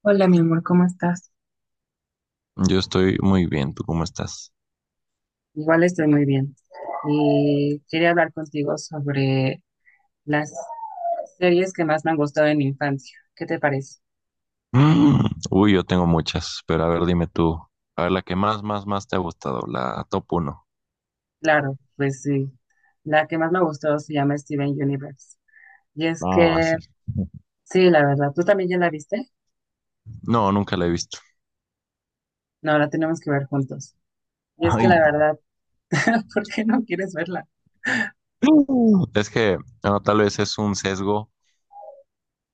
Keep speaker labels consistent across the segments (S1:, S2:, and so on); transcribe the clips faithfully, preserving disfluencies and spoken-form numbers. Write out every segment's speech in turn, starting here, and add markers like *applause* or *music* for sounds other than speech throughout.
S1: Hola, mi amor, ¿cómo estás?
S2: Yo estoy muy bien, ¿tú cómo estás?
S1: Igual estoy muy bien. Y quería hablar contigo sobre las series que más me han gustado en mi infancia. ¿Qué te parece?
S2: Mm, Uy, yo tengo muchas, pero a ver, dime tú. A ver, la que más, más, más te ha gustado, la top uno.
S1: Claro, pues sí. La que más me gustó se llama Steven Universe. Y es
S2: Ah, sí.
S1: que, sí, la verdad, ¿tú también ya la viste?
S2: No, nunca la he visto.
S1: No, la tenemos que ver juntos. Y es
S2: *laughs*
S1: que
S2: Ay.
S1: la verdad, *laughs* ¿por qué no quieres verla?
S2: Mm. Es que, no, tal vez es un sesgo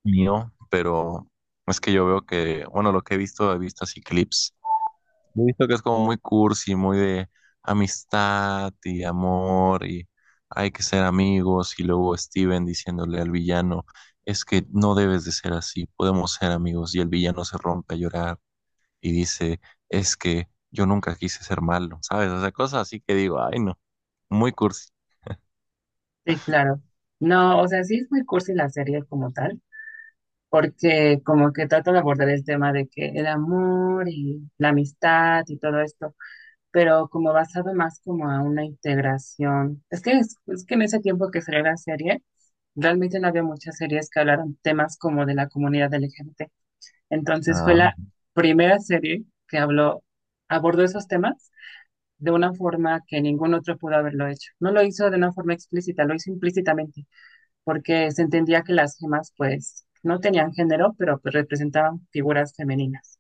S2: mío, pero es que yo veo que, bueno, lo que he visto, he visto así clips. He visto que es como muy cursi, muy de amistad y amor, y hay que ser amigos, y luego Steven diciéndole al villano, es que no debes de ser así, podemos ser amigos, y el villano se rompe a llorar y dice, es que yo nunca quise ser malo, ¿sabes? O sea, cosas así que digo, ay no, muy cursi.
S1: Sí, claro. No, o sea, sí es muy cursi la serie como tal, porque como que trato de abordar el tema de que el amor y la amistad y todo esto, pero como basado más como a una integración. Es que, es, es que en ese tiempo que salió la serie, realmente no había muchas series que hablaran temas como de la comunidad L G B T. Entonces fue
S2: Ah,
S1: la primera serie que habló, abordó esos temas de una forma que ningún otro pudo haberlo hecho. No lo hizo de una forma explícita, lo hizo implícitamente porque se entendía que las gemas pues no tenían género, pero pues representaban figuras femeninas,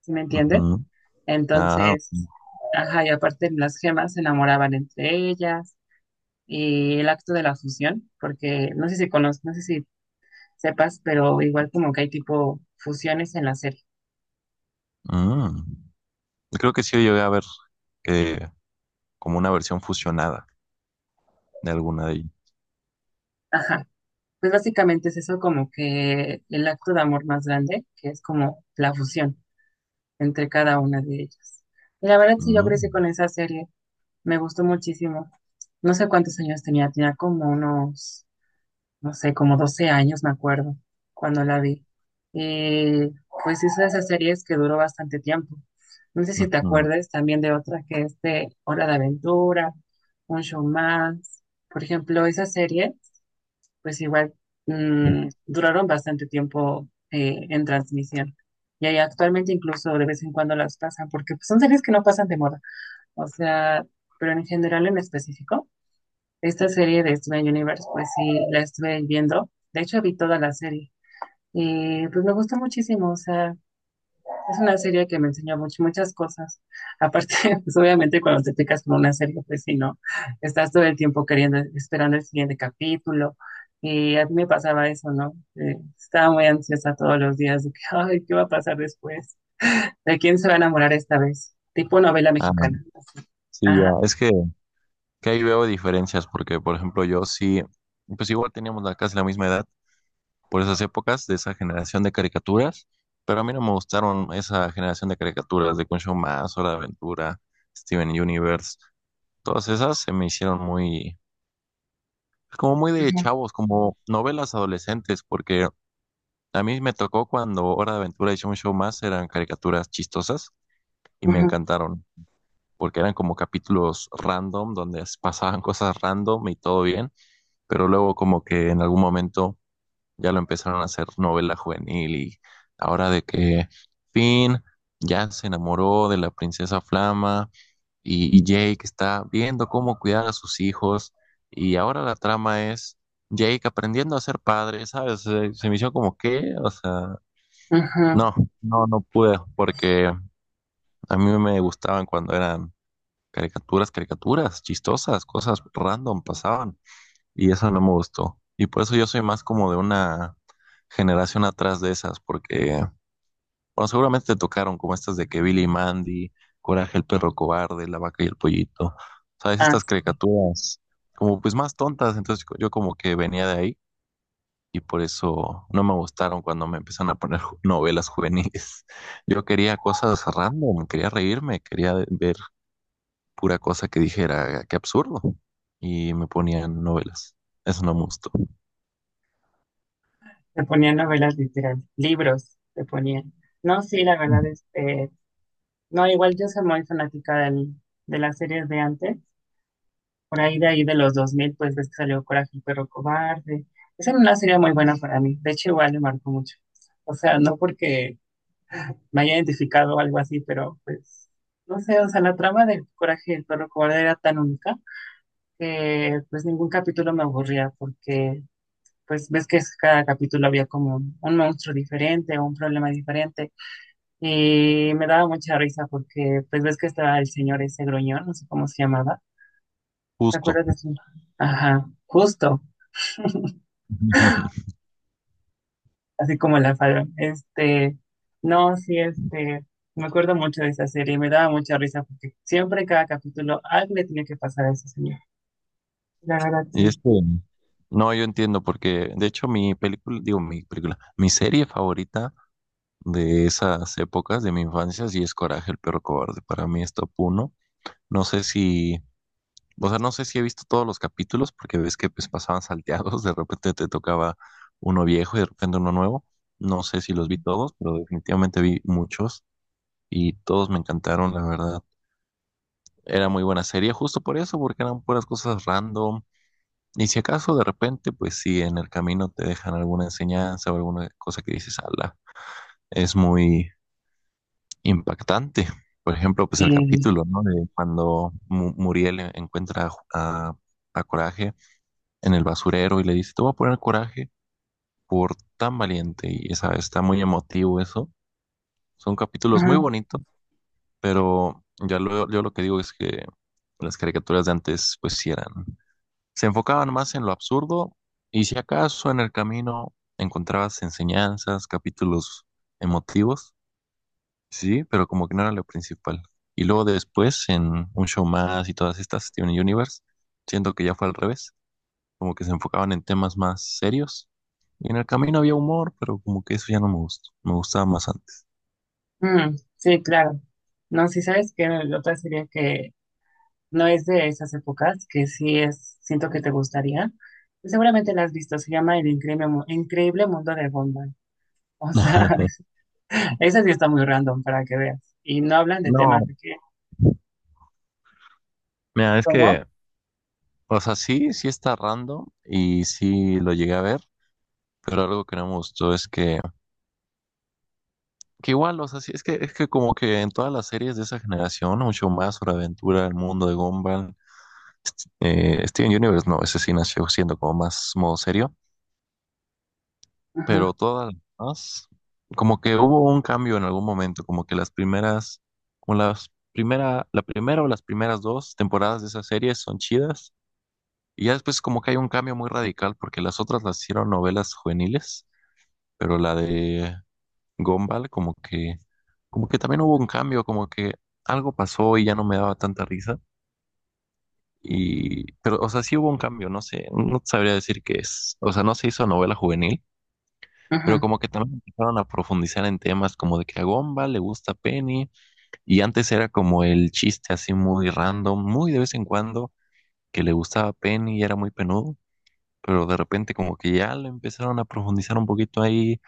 S1: ¿sí me entiendes?
S2: ujú, ah,
S1: Entonces, ajá, y aparte las gemas se enamoraban entre ellas y el acto de la fusión, porque no sé si conoces, no sé si sepas, pero igual como que hay tipo fusiones en la serie.
S2: mm. Creo que sí yo llegué a ver eh, como una versión fusionada de alguna de ellas.
S1: Ajá. Pues básicamente es eso, como que el acto de amor más grande, que es como la fusión entre cada una de ellas. Y la verdad sí, yo crecí
S2: Mm,
S1: con esa serie, me gustó muchísimo. No sé cuántos años tenía, tenía como unos, no sé, como doce años, me acuerdo, cuando la vi. Eh, pues hizo esas series que duró bastante tiempo. No sé si te
S2: ujú.
S1: acuerdas también de otras, que es de Hora de Aventura, Un Show Más. Por ejemplo, esas series, pues igual mm, duraron bastante tiempo eh, en transmisión. Y ahí actualmente incluso de vez en cuando las pasan, porque pues, son series que no pasan de moda. O sea, pero en general en específico. Esta serie de Steven Universe, pues sí, la estuve viendo. De hecho, vi toda la serie. Y pues me gustó muchísimo. O sea, es una serie que me enseñó much- muchas cosas. Aparte, *laughs* pues obviamente cuando te picas con una serie, pues si no, estás todo el tiempo queriendo, esperando el siguiente capítulo. Y a mí me pasaba eso, ¿no? Eh, estaba muy ansiosa todos los días de que, *laughs* ay, ¿qué va a pasar después? ¿De quién se va a enamorar esta vez? Tipo novela mexicana.
S2: Sí, ya,
S1: Ajá.
S2: es que, que ahí veo diferencias, porque por ejemplo yo sí, pues igual teníamos la, casi la misma edad por esas épocas de esa generación de caricaturas, pero a mí no me gustaron esa generación de caricaturas de Concho Más, Hora de Aventura, Steven Universe. Todas esas se me hicieron muy, como muy de
S1: Ujú,
S2: chavos, como novelas adolescentes, porque a mí me tocó cuando Hora de Aventura y Show Más eran caricaturas chistosas y me
S1: ujú,
S2: encantaron, porque eran como capítulos random donde pasaban cosas random y todo bien. Pero luego como que en algún momento ya lo empezaron a hacer novela juvenil, y ahora de que Finn ya se enamoró de la princesa Flama, y, y Jake está viendo cómo cuidar a sus hijos, y ahora la trama es Jake aprendiendo a ser padre, ¿sabes? Se, se me hizo como que, o sea,
S1: ujú.
S2: no, no, no pude, porque a mí me gustaban cuando eran caricaturas, caricaturas chistosas, cosas random pasaban, y eso no me gustó. Y por eso yo soy más como de una generación atrás de esas, porque, bueno, seguramente te tocaron como estas de que Billy y Mandy, Coraje el perro cobarde, La vaca y el pollito, ¿sabes?
S1: Ah,
S2: Estas caricaturas como pues más tontas. Entonces yo yo como que venía de ahí, y por eso no me gustaron cuando me empezaron a poner *laughs* ju- novelas juveniles. *laughs* Yo quería cosas random, quería reírme, quería ver pura cosa que dijera, qué absurdo, y me ponían novelas. Eso no me gustó.
S1: te ponían novelas literarias, libros te ponían. No, sí, la verdad, este, no, igual yo soy muy fanática del, de las series de antes, por ahí de ahí de los dos mil, pues ves que salió Coraje el perro cobarde. Esa era una serie muy buena para mí, de hecho igual me marcó mucho. O sea, no porque me haya identificado o algo así, pero pues, no sé, o sea, la trama de Coraje el perro cobarde era tan única que pues ningún capítulo me aburría, porque pues ves que cada capítulo había como un un monstruo diferente o un problema diferente, y me daba mucha risa porque pues ves que estaba el señor ese gruñón, no sé cómo se llamaba, ¿te
S2: Justo.
S1: acuerdas de su? Ajá, justo,
S2: *laughs*
S1: así como la falda. Este, no, sí, este, me acuerdo mucho de esa serie, me daba mucha risa porque siempre cada capítulo algo le tenía que pasar a ese señor. La verdad,
S2: Y
S1: sí.
S2: este, no, yo entiendo, porque de hecho mi película, digo, mi película, mi serie favorita de esas épocas de mi infancia sí es Coraje, el perro cobarde. Para mí es top uno. No sé si, o sea, no sé si he visto todos los capítulos, porque ves que pues pasaban salteados, de repente te tocaba uno viejo y de repente uno nuevo. No sé si los vi todos, pero definitivamente vi muchos, y todos me encantaron, la verdad. Era muy buena serie, justo por eso, porque eran puras cosas random. Y si acaso de repente, pues si en el camino te dejan alguna enseñanza o alguna cosa que dices, ala, es muy impactante. Por ejemplo, pues el
S1: Sí,
S2: capítulo, ¿no? De cuando Mu- Muriel en- encuentra a, Ju- a- a Coraje en el basurero y le dice, te voy a poner Coraje por tan valiente. Y esa, está muy emotivo eso. Son capítulos muy
S1: ujú,
S2: bonitos, pero ya lo, yo lo que digo es que las caricaturas de antes, pues sí eran, se enfocaban más en lo absurdo, y si acaso en el camino encontrabas enseñanzas, capítulos emotivos, sí, pero como que no era lo principal. Y luego después en Un Show Más y todas estas, Steven Universe, siento que ya fue al revés, como que se enfocaban en temas más serios. Y en el camino había humor, pero como que eso ya no me gustó, me gustaba más antes.
S1: ujú, sí, claro. No, sí, sabes que la otra serie que no es de esas épocas, que sí es, siento que te gustaría. Seguramente la has visto, se llama El Increíble, Mu- Increíble Mundo de Gumball. O sea,
S2: *laughs*
S1: *laughs* esa sí está muy random para que veas. Y no hablan de temas
S2: No,
S1: de que,
S2: mira, es
S1: ¿cómo?
S2: que, o sea, sí, sí está random y sí lo llegué a ver, pero algo que no me gustó es que Que igual, o sea, sí, es que, es que como que en todas las series de esa generación, mucho más sobre aventura, el mundo de Gumball, eh, Steven Universe, no, ese sí nació siendo como más modo serio,
S1: Ajá,
S2: pero todas las demás, como que hubo un cambio en algún momento, como que las primeras, como las primera, la primera o las primeras dos temporadas de esas series son chidas, y ya después como que hay un cambio muy radical, porque las otras las hicieron novelas juveniles, pero la de Gumball, como que, como que también hubo un cambio, como que algo pasó y ya no me daba tanta risa. Y, pero, o sea, sí hubo un cambio, no sé, no sabría decir qué es. O sea, no se hizo novela juvenil,
S1: ajá.
S2: pero como que también empezaron a profundizar en temas como de que a Gumball le gusta Penny, y antes era como el chiste así muy random, muy de vez en cuando, que le gustaba Penny y era muy penudo, pero de repente como que ya lo empezaron a profundizar un poquito ahí.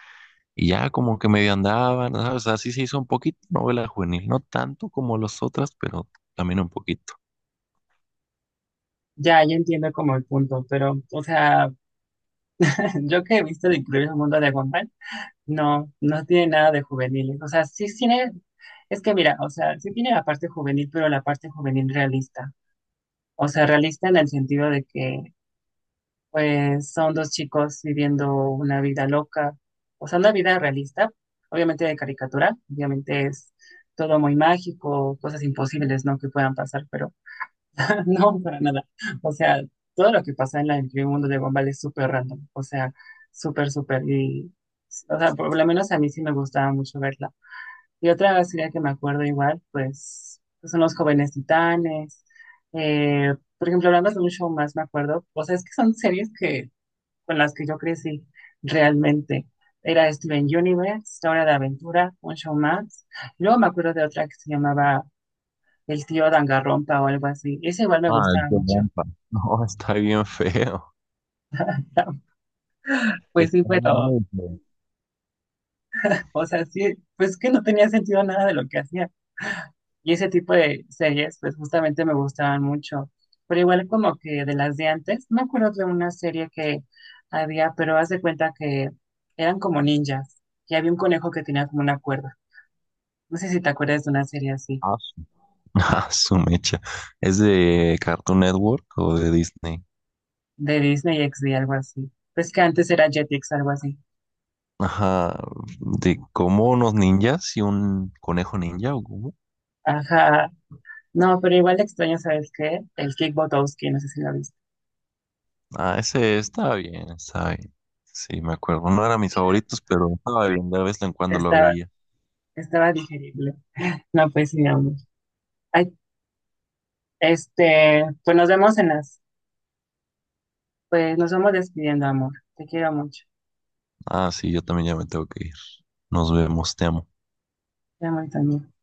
S2: Y ya como que medio andaban, ¿sabes? O sea, sí se hizo un poquito novela juvenil, no tanto como las otras, pero también un poquito.
S1: Ya, ya entiendo como el punto, pero, o sea, *laughs* yo que he visto El Increíble Mundo de Gumball, no, no tiene nada de juveniles. O sea, sí sí tiene, es que mira, o sea, sí tiene la parte juvenil, pero la parte juvenil realista. O sea, realista en el sentido de que pues son dos chicos viviendo una vida loca, o sea, una vida realista, obviamente de caricatura, obviamente es todo muy mágico, cosas imposibles, ¿no? que puedan pasar, pero *laughs* no, para nada. O sea, todo lo que pasa en, la, en el mundo de Gumball es súper random, o sea, súper, súper, y, o sea, por lo menos a mí sí me gustaba mucho verla. Y otra serie que me acuerdo igual, pues, pues, son Los Jóvenes Titanes, eh, por ejemplo, hablando de Un Show Más, me acuerdo, o sea, es que son series que con las que yo crecí realmente. Era Steven Universe, Hora de Aventura, Un Show Más. Luego me acuerdo de otra que se llamaba El tío Dangarrompa o algo así. Ese igual me
S2: Ah,
S1: gustaba
S2: qué
S1: mucho.
S2: trampa. *laughs* No, está bien feo.
S1: *laughs*
S2: *laughs*
S1: Pues sí,
S2: Está
S1: pero,
S2: muy feo.
S1: o sea, sí, pues que no tenía sentido nada de lo que hacía. Y ese tipo de series, pues justamente me gustaban mucho. Pero igual como que de las de antes, me acuerdo de una serie que había, pero haz de cuenta que eran como ninjas. Y había un conejo que tenía como una cuerda. No sé si te acuerdas de una serie así.
S2: Ah, su- *laughs* ah, su mecha. ¿Es de Cartoon Network o de Disney?
S1: De Disney X D, algo así. Pues que antes era Jetix, algo así.
S2: Ajá, de como unos ninjas y un conejo ninja o cómo.
S1: Ajá. No, pero igual extraño, ¿sabes qué? El Kick Botowski, no sé si lo viste.
S2: Ah, ese está bien, está bien. Sí, me acuerdo. No eran mis favoritos, pero estaba bien, de vez en cuando lo
S1: Estaba,
S2: veía.
S1: estaba digerible. No, pues sí, amor. Ay, este, pues nos vemos en las, pues nos vamos despidiendo, amor. Te quiero mucho.
S2: Ah, sí, yo también ya me tengo que ir. Nos vemos, te amo.
S1: Te amo y también.